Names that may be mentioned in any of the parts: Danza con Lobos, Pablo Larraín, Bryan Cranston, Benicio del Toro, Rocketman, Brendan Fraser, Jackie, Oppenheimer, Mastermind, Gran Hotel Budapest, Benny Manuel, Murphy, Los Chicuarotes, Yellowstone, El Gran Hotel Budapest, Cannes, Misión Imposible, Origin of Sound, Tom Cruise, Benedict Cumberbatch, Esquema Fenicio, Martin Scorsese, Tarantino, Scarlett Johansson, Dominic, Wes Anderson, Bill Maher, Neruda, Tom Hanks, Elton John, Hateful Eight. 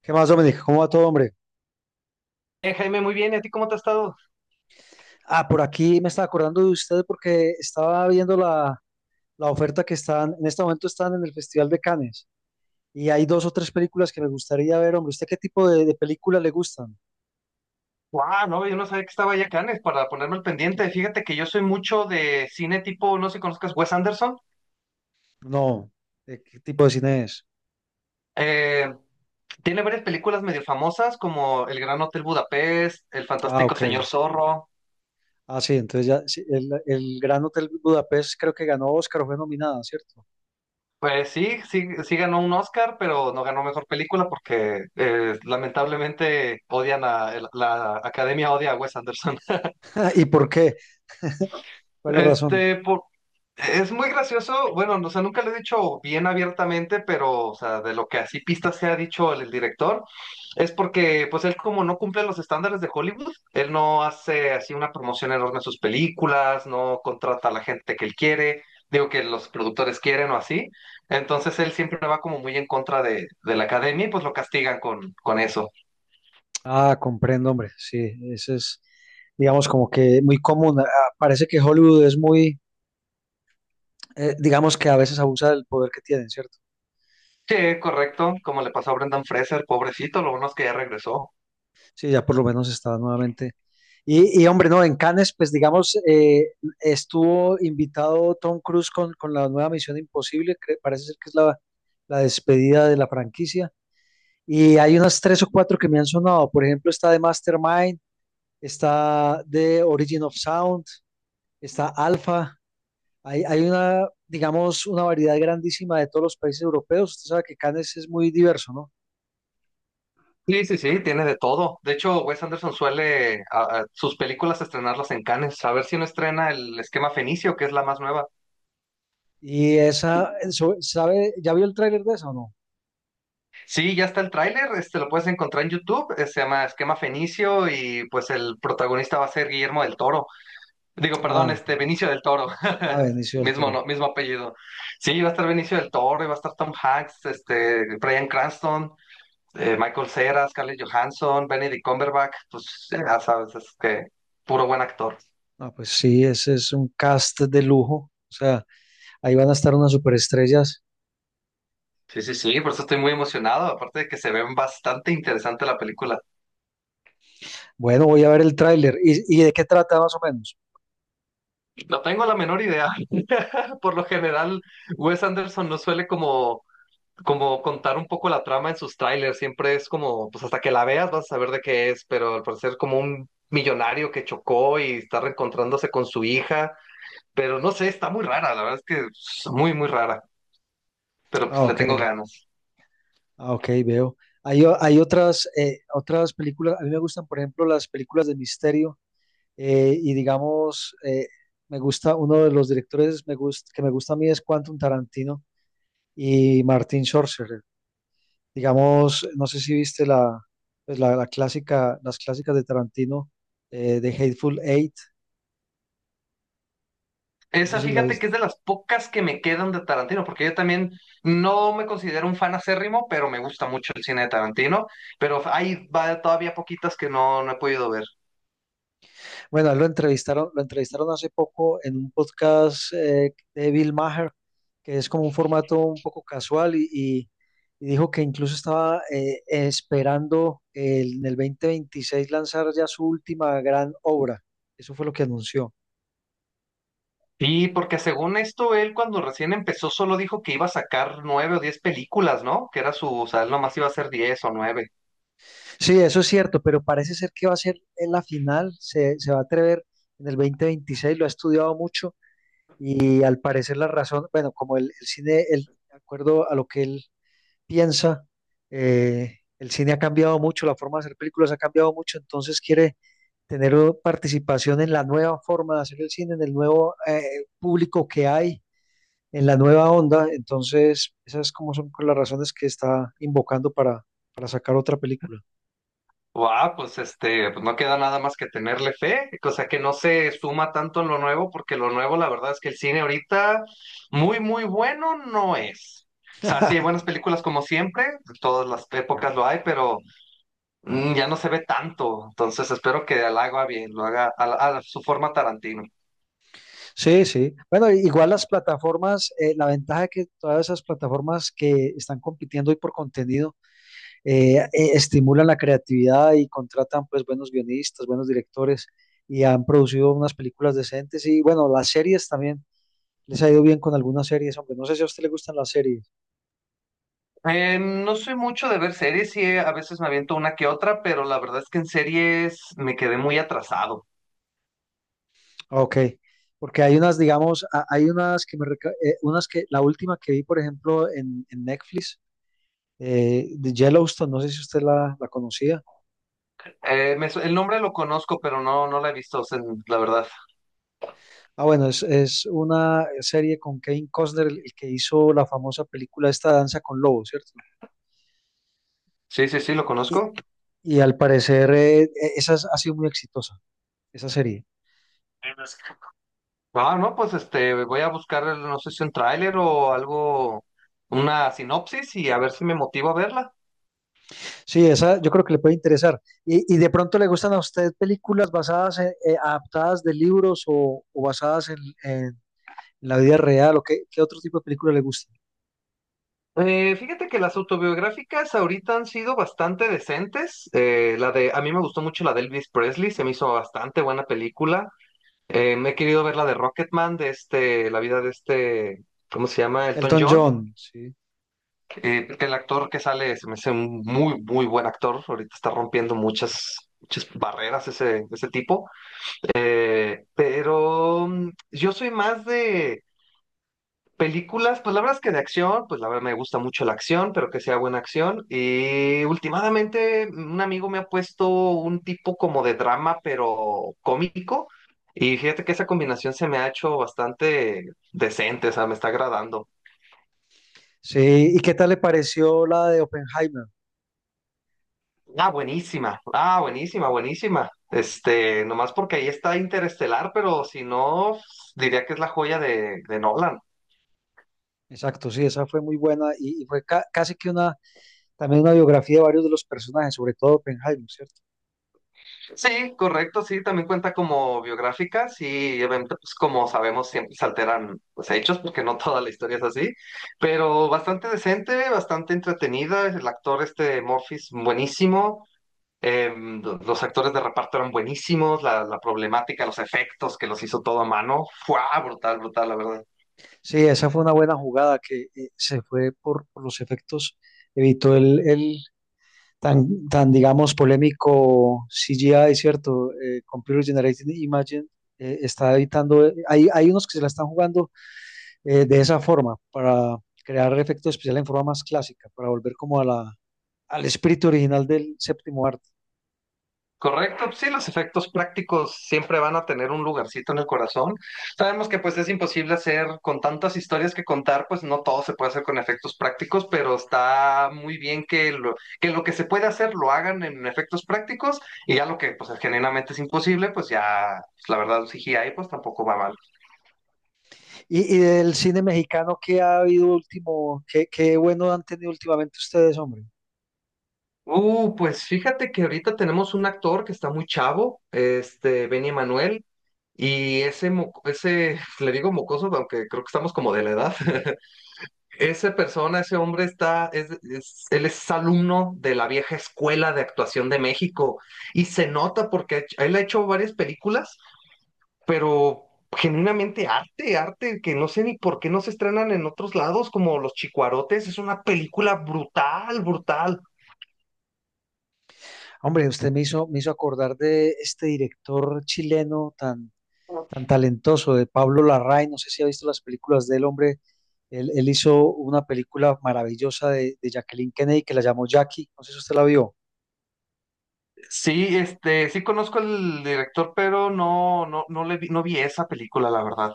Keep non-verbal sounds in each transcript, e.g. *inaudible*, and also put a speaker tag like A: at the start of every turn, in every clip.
A: ¿Qué más, Dominic? ¿Cómo va todo, hombre?
B: Jaime, muy bien, ¿y a ti cómo te ha estado?
A: Ah, por aquí me estaba acordando de usted porque estaba viendo la oferta que están, en este momento están en el Festival de Cannes y hay dos o tres películas que me gustaría ver, hombre. ¿Usted qué tipo de películas le gustan?
B: Guau, no, yo no sabía que estaba ya Cannes para ponerme al pendiente. Fíjate que yo soy mucho de cine tipo, no sé si conozcas Wes Anderson.
A: No, ¿de ¿qué tipo de cine es?
B: Eh, Tiene varias películas medio famosas como El Gran Hotel Budapest, El
A: Ah,
B: Fantástico
A: ok.
B: Señor Zorro.
A: Ah, sí, entonces ya, sí, el Gran Hotel Budapest creo que ganó Oscar, o fue nominada, ¿cierto?
B: Pues sí, sí, sí ganó un Oscar, pero no ganó mejor película porque lamentablemente odian a la Academia odia a Wes Anderson.
A: *laughs* ¿Y por qué? ¿Cuál es la razón?
B: Este, es muy gracioso, bueno, no, o sea, nunca lo he dicho bien abiertamente, pero, o sea, de lo que así pista se ha dicho el director, es porque, pues, él como no cumple los estándares de Hollywood, él no hace así una promoción enorme de sus películas, no contrata a la gente que él quiere, digo que los productores quieren o así, entonces él siempre va como muy en contra de la academia y pues lo castigan con eso.
A: Ah, comprendo, hombre. Sí, ese es, digamos, como que muy común. Ah, parece que Hollywood es muy digamos que a veces abusa del poder que tienen, ¿cierto?
B: Sí, correcto, como le pasó a Brendan Fraser, pobrecito, lo bueno es que ya regresó.
A: Sí, ya por lo menos está nuevamente. Hombre, no, en Cannes, pues digamos, estuvo invitado Tom Cruise con la nueva Misión Imposible, que parece ser que es la despedida de la franquicia. Y hay unas tres o cuatro que me han sonado. Por ejemplo, está de Mastermind, está de Origin of Sound, está Alpha. Hay una, digamos, una variedad grandísima de todos los países europeos. Usted sabe que Cannes es muy diverso, ¿no?
B: Sí, sí, sí, tiene de todo. De hecho, Wes Anderson suele a sus películas estrenarlas en Cannes. A ver si no estrena el Esquema Fenicio, que es la más nueva.
A: Y esa, ¿sabe? ¿Ya vio el tráiler de esa o no?
B: Sí, ya está el tráiler, este lo puedes encontrar en YouTube, se llama Esquema Fenicio y pues el protagonista va a ser Guillermo del Toro. Digo, perdón,
A: Ah,
B: este Benicio del Toro.
A: a
B: *laughs*
A: Benicio del
B: Mismo,
A: Toro.
B: no, mismo apellido. Sí, va a estar Benicio del Toro, y va a estar Tom Hanks, este Bryan Cranston, Michael Cera, Scarlett Johansson, Benedict Cumberbatch, pues ya sabes, es que puro buen actor.
A: Ah, pues sí, ese es un cast de lujo. O sea, ahí van a estar unas superestrellas.
B: Sí, sí, sí, por eso estoy muy emocionado, aparte de que se ven bastante interesante la película.
A: Bueno, voy a ver el tráiler. ¿Y de qué trata más o menos?
B: No tengo la menor idea. *laughs* Por lo general, Wes Anderson no suele como, como contar un poco la trama en sus trailers, siempre es como, pues hasta que la veas vas a saber de qué es, pero al parecer como un millonario que chocó y está reencontrándose con su hija, pero no sé, está muy rara, la verdad es que es muy, muy rara, pero pues
A: Ah,
B: le
A: ok.
B: tengo ganas.
A: Ah, ok, veo. Hay, hay otras, otras películas. A mí me gustan, por ejemplo, las películas de misterio, y digamos, me gusta, uno de los directores que me gusta a mí es Quentin Tarantino y Martin Scorsese. Digamos, no sé si viste pues la clásica, las clásicas de Tarantino, de Hateful Eight, no sé
B: Esa,
A: si la
B: fíjate que
A: viste.
B: es de las pocas que me quedan de Tarantino, porque yo también no me considero un fan acérrimo, pero me gusta mucho el cine de Tarantino, pero hay todavía poquitas que no, no he podido ver.
A: Bueno, lo entrevistaron hace poco en un podcast de Bill Maher, que es como un formato un poco casual y dijo que incluso estaba esperando en el 2026 lanzar ya su última gran obra. Eso fue lo que anunció.
B: Y porque según esto, él cuando recién empezó solo dijo que iba a sacar nueve o diez películas, ¿no? Que era su, o sea, él nomás iba a hacer diez o nueve.
A: Sí, eso es cierto, pero parece ser que va a ser en la final, se va a atrever en el 2026, lo ha estudiado mucho y al parecer la razón, bueno, como el cine, de acuerdo a lo que él piensa, el cine ha cambiado mucho, la forma de hacer películas ha cambiado mucho, entonces quiere tener participación en la nueva forma de hacer el cine, en el nuevo público que hay, en la nueva onda, entonces esas como son las razones que está invocando para sacar otra película.
B: Wow, pues este, pues no queda nada más que tenerle fe, cosa que no se suma tanto en lo nuevo, porque lo nuevo, la verdad es que el cine ahorita muy, muy bueno no es. O sea, sí hay
A: *laughs*
B: buenas películas como siempre, de todas las épocas lo hay, pero ya no se ve tanto. Entonces espero que lo haga bien, lo haga a su forma Tarantino.
A: Sí, sí. Bueno, igual las plataformas, la ventaja es que todas esas plataformas que están compitiendo hoy por contenido eh, eh, estimulan la creatividad y contratan pues buenos guionistas, buenos directores y han producido unas películas decentes y bueno, las series también les ha ido bien con algunas series, aunque no sé si a usted le gustan las series.
B: No soy mucho de ver series, sí, a veces me aviento una que otra, pero la verdad es que en series me quedé muy atrasado.
A: Ok, porque hay unas, digamos, hay unas que unas que, la última que vi, por ejemplo, en Netflix, de Yellowstone, no sé si usted la conocía.
B: El nombre lo conozco, pero no, no la he visto, o sea, la verdad.
A: Ah, bueno, es una serie con Kevin Costner, el que hizo la famosa película esta Danza con Lobos, ¿cierto?
B: Sí, sí, sí, lo
A: Y,
B: conozco.
A: y al parecer ha sido muy exitosa, esa serie.
B: Ah, no, pues este, voy a buscar, no sé si un tráiler o algo, una sinopsis y a ver si me motivo a verla.
A: Sí, esa yo creo que le puede interesar. Y de pronto le gustan a usted películas basadas, adaptadas de libros o basadas en la vida real, o qué, ¿qué otro tipo de película le gusta?
B: Fíjate que las autobiográficas ahorita han sido bastante decentes. La de, a mí me gustó mucho la de Elvis Presley, se me hizo bastante buena película. Me he querido ver la de Rocketman, de este, la vida de este, ¿cómo se llama? Elton
A: Elton
B: John.
A: John, sí.
B: Que el actor que sale se me hace un muy, muy buen actor. Ahorita está rompiendo muchas, muchas barreras ese, ese tipo. Pero yo soy más de películas, pues la verdad es que de acción, pues la verdad me gusta mucho la acción, pero que sea buena acción. Y últimamente un amigo me ha puesto un tipo como de drama, pero cómico. Y fíjate que esa combinación se me ha hecho bastante decente, o sea, me está agradando.
A: Sí, ¿y qué tal le pareció la de Oppenheimer?
B: Ah, buenísima, buenísima. Este, nomás porque ahí está Interestelar, pero si no, diría que es la joya de Nolan.
A: Exacto, sí, esa fue muy buena y fue casi que una. También una biografía de varios de los personajes, sobre todo Oppenheimer, ¿cierto?
B: Sí, correcto, sí, también cuenta como biográfica, sí, obviamente, pues como sabemos, siempre se alteran pues, hechos, porque no toda la historia es así, pero bastante decente, bastante entretenida, el actor este Murphy es buenísimo, los actores de reparto eran buenísimos, la problemática, los efectos que los hizo todo a mano, fue brutal, brutal, la verdad.
A: Sí, esa fue una buena jugada que, se fue por los efectos, evitó el tan, tan, digamos, polémico CGI, ¿cierto? Computer Generated Image, está evitando, hay unos que se la están jugando, de esa forma, para crear efectos especiales en forma más clásica, para volver como a al espíritu original del séptimo arte.
B: Correcto, sí, los efectos prácticos siempre van a tener un lugarcito en el corazón. Sabemos que pues es imposible hacer con tantas historias que contar, pues no todo se puede hacer con efectos prácticos, pero está muy bien que lo que se puede hacer lo hagan en efectos prácticos y ya lo que pues genuinamente es imposible, pues ya pues, la verdad un CGI pues tampoco va mal.
A: Y del cine mexicano que ha habido último, qué, qué bueno han tenido últimamente ustedes, hombre.
B: Pues fíjate que ahorita tenemos un actor que está muy chavo, este Benny Manuel. Y ese, ese, *laughs* le digo mocoso, aunque creo que estamos como de la edad. *laughs* Esa persona, ese hombre está, él es alumno de la vieja escuela de actuación de México y se nota porque él ha hecho varias películas, pero genuinamente arte, arte que no sé ni por qué no se estrenan en otros lados, como Los Chicuarotes, es una película brutal, brutal.
A: Hombre, usted me hizo acordar de este director chileno tan, tan talentoso, de Pablo Larraín. No sé si ha visto las películas del hombre. Él hizo una película maravillosa de Jacqueline Kennedy que la llamó Jackie. No sé si usted la vio.
B: Sí, este, sí conozco al director, pero no, no, no le vi, no vi esa película, la verdad.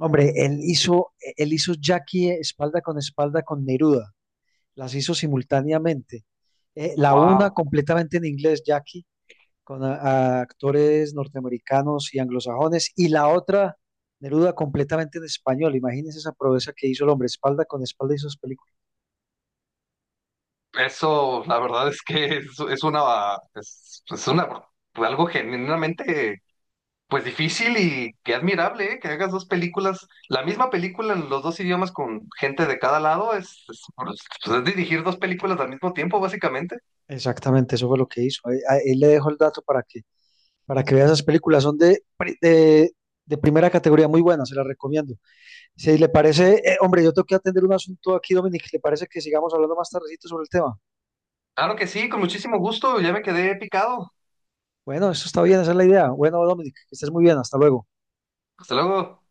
A: Hombre, él hizo Jackie espalda con Neruda. Las hizo simultáneamente. La una
B: Wow.
A: completamente en inglés, Jackie, con a actores norteamericanos y anglosajones, y la otra, Neruda, completamente en español. Imagínense esa proeza que hizo el hombre, espalda con espalda hizo sus películas.
B: Eso, la verdad es que es una, algo genuinamente, pues difícil y que admirable, ¿eh? Que hagas dos películas, la misma película en los dos idiomas con gente de cada lado, pues, es dirigir dos películas al mismo tiempo, básicamente.
A: Exactamente, eso fue lo que hizo. Ahí le dejo el dato para que vea esas películas. Son de, de primera categoría, muy buenas, se las recomiendo. Si le parece, hombre, yo tengo que atender un asunto aquí, Dominic, ¿le parece que sigamos hablando más tardecito sobre el tema?
B: Claro que sí, con muchísimo gusto, ya me quedé picado.
A: Bueno, eso está bien, esa es la idea. Bueno, Dominic, que estés muy bien, hasta luego.
B: Hasta luego.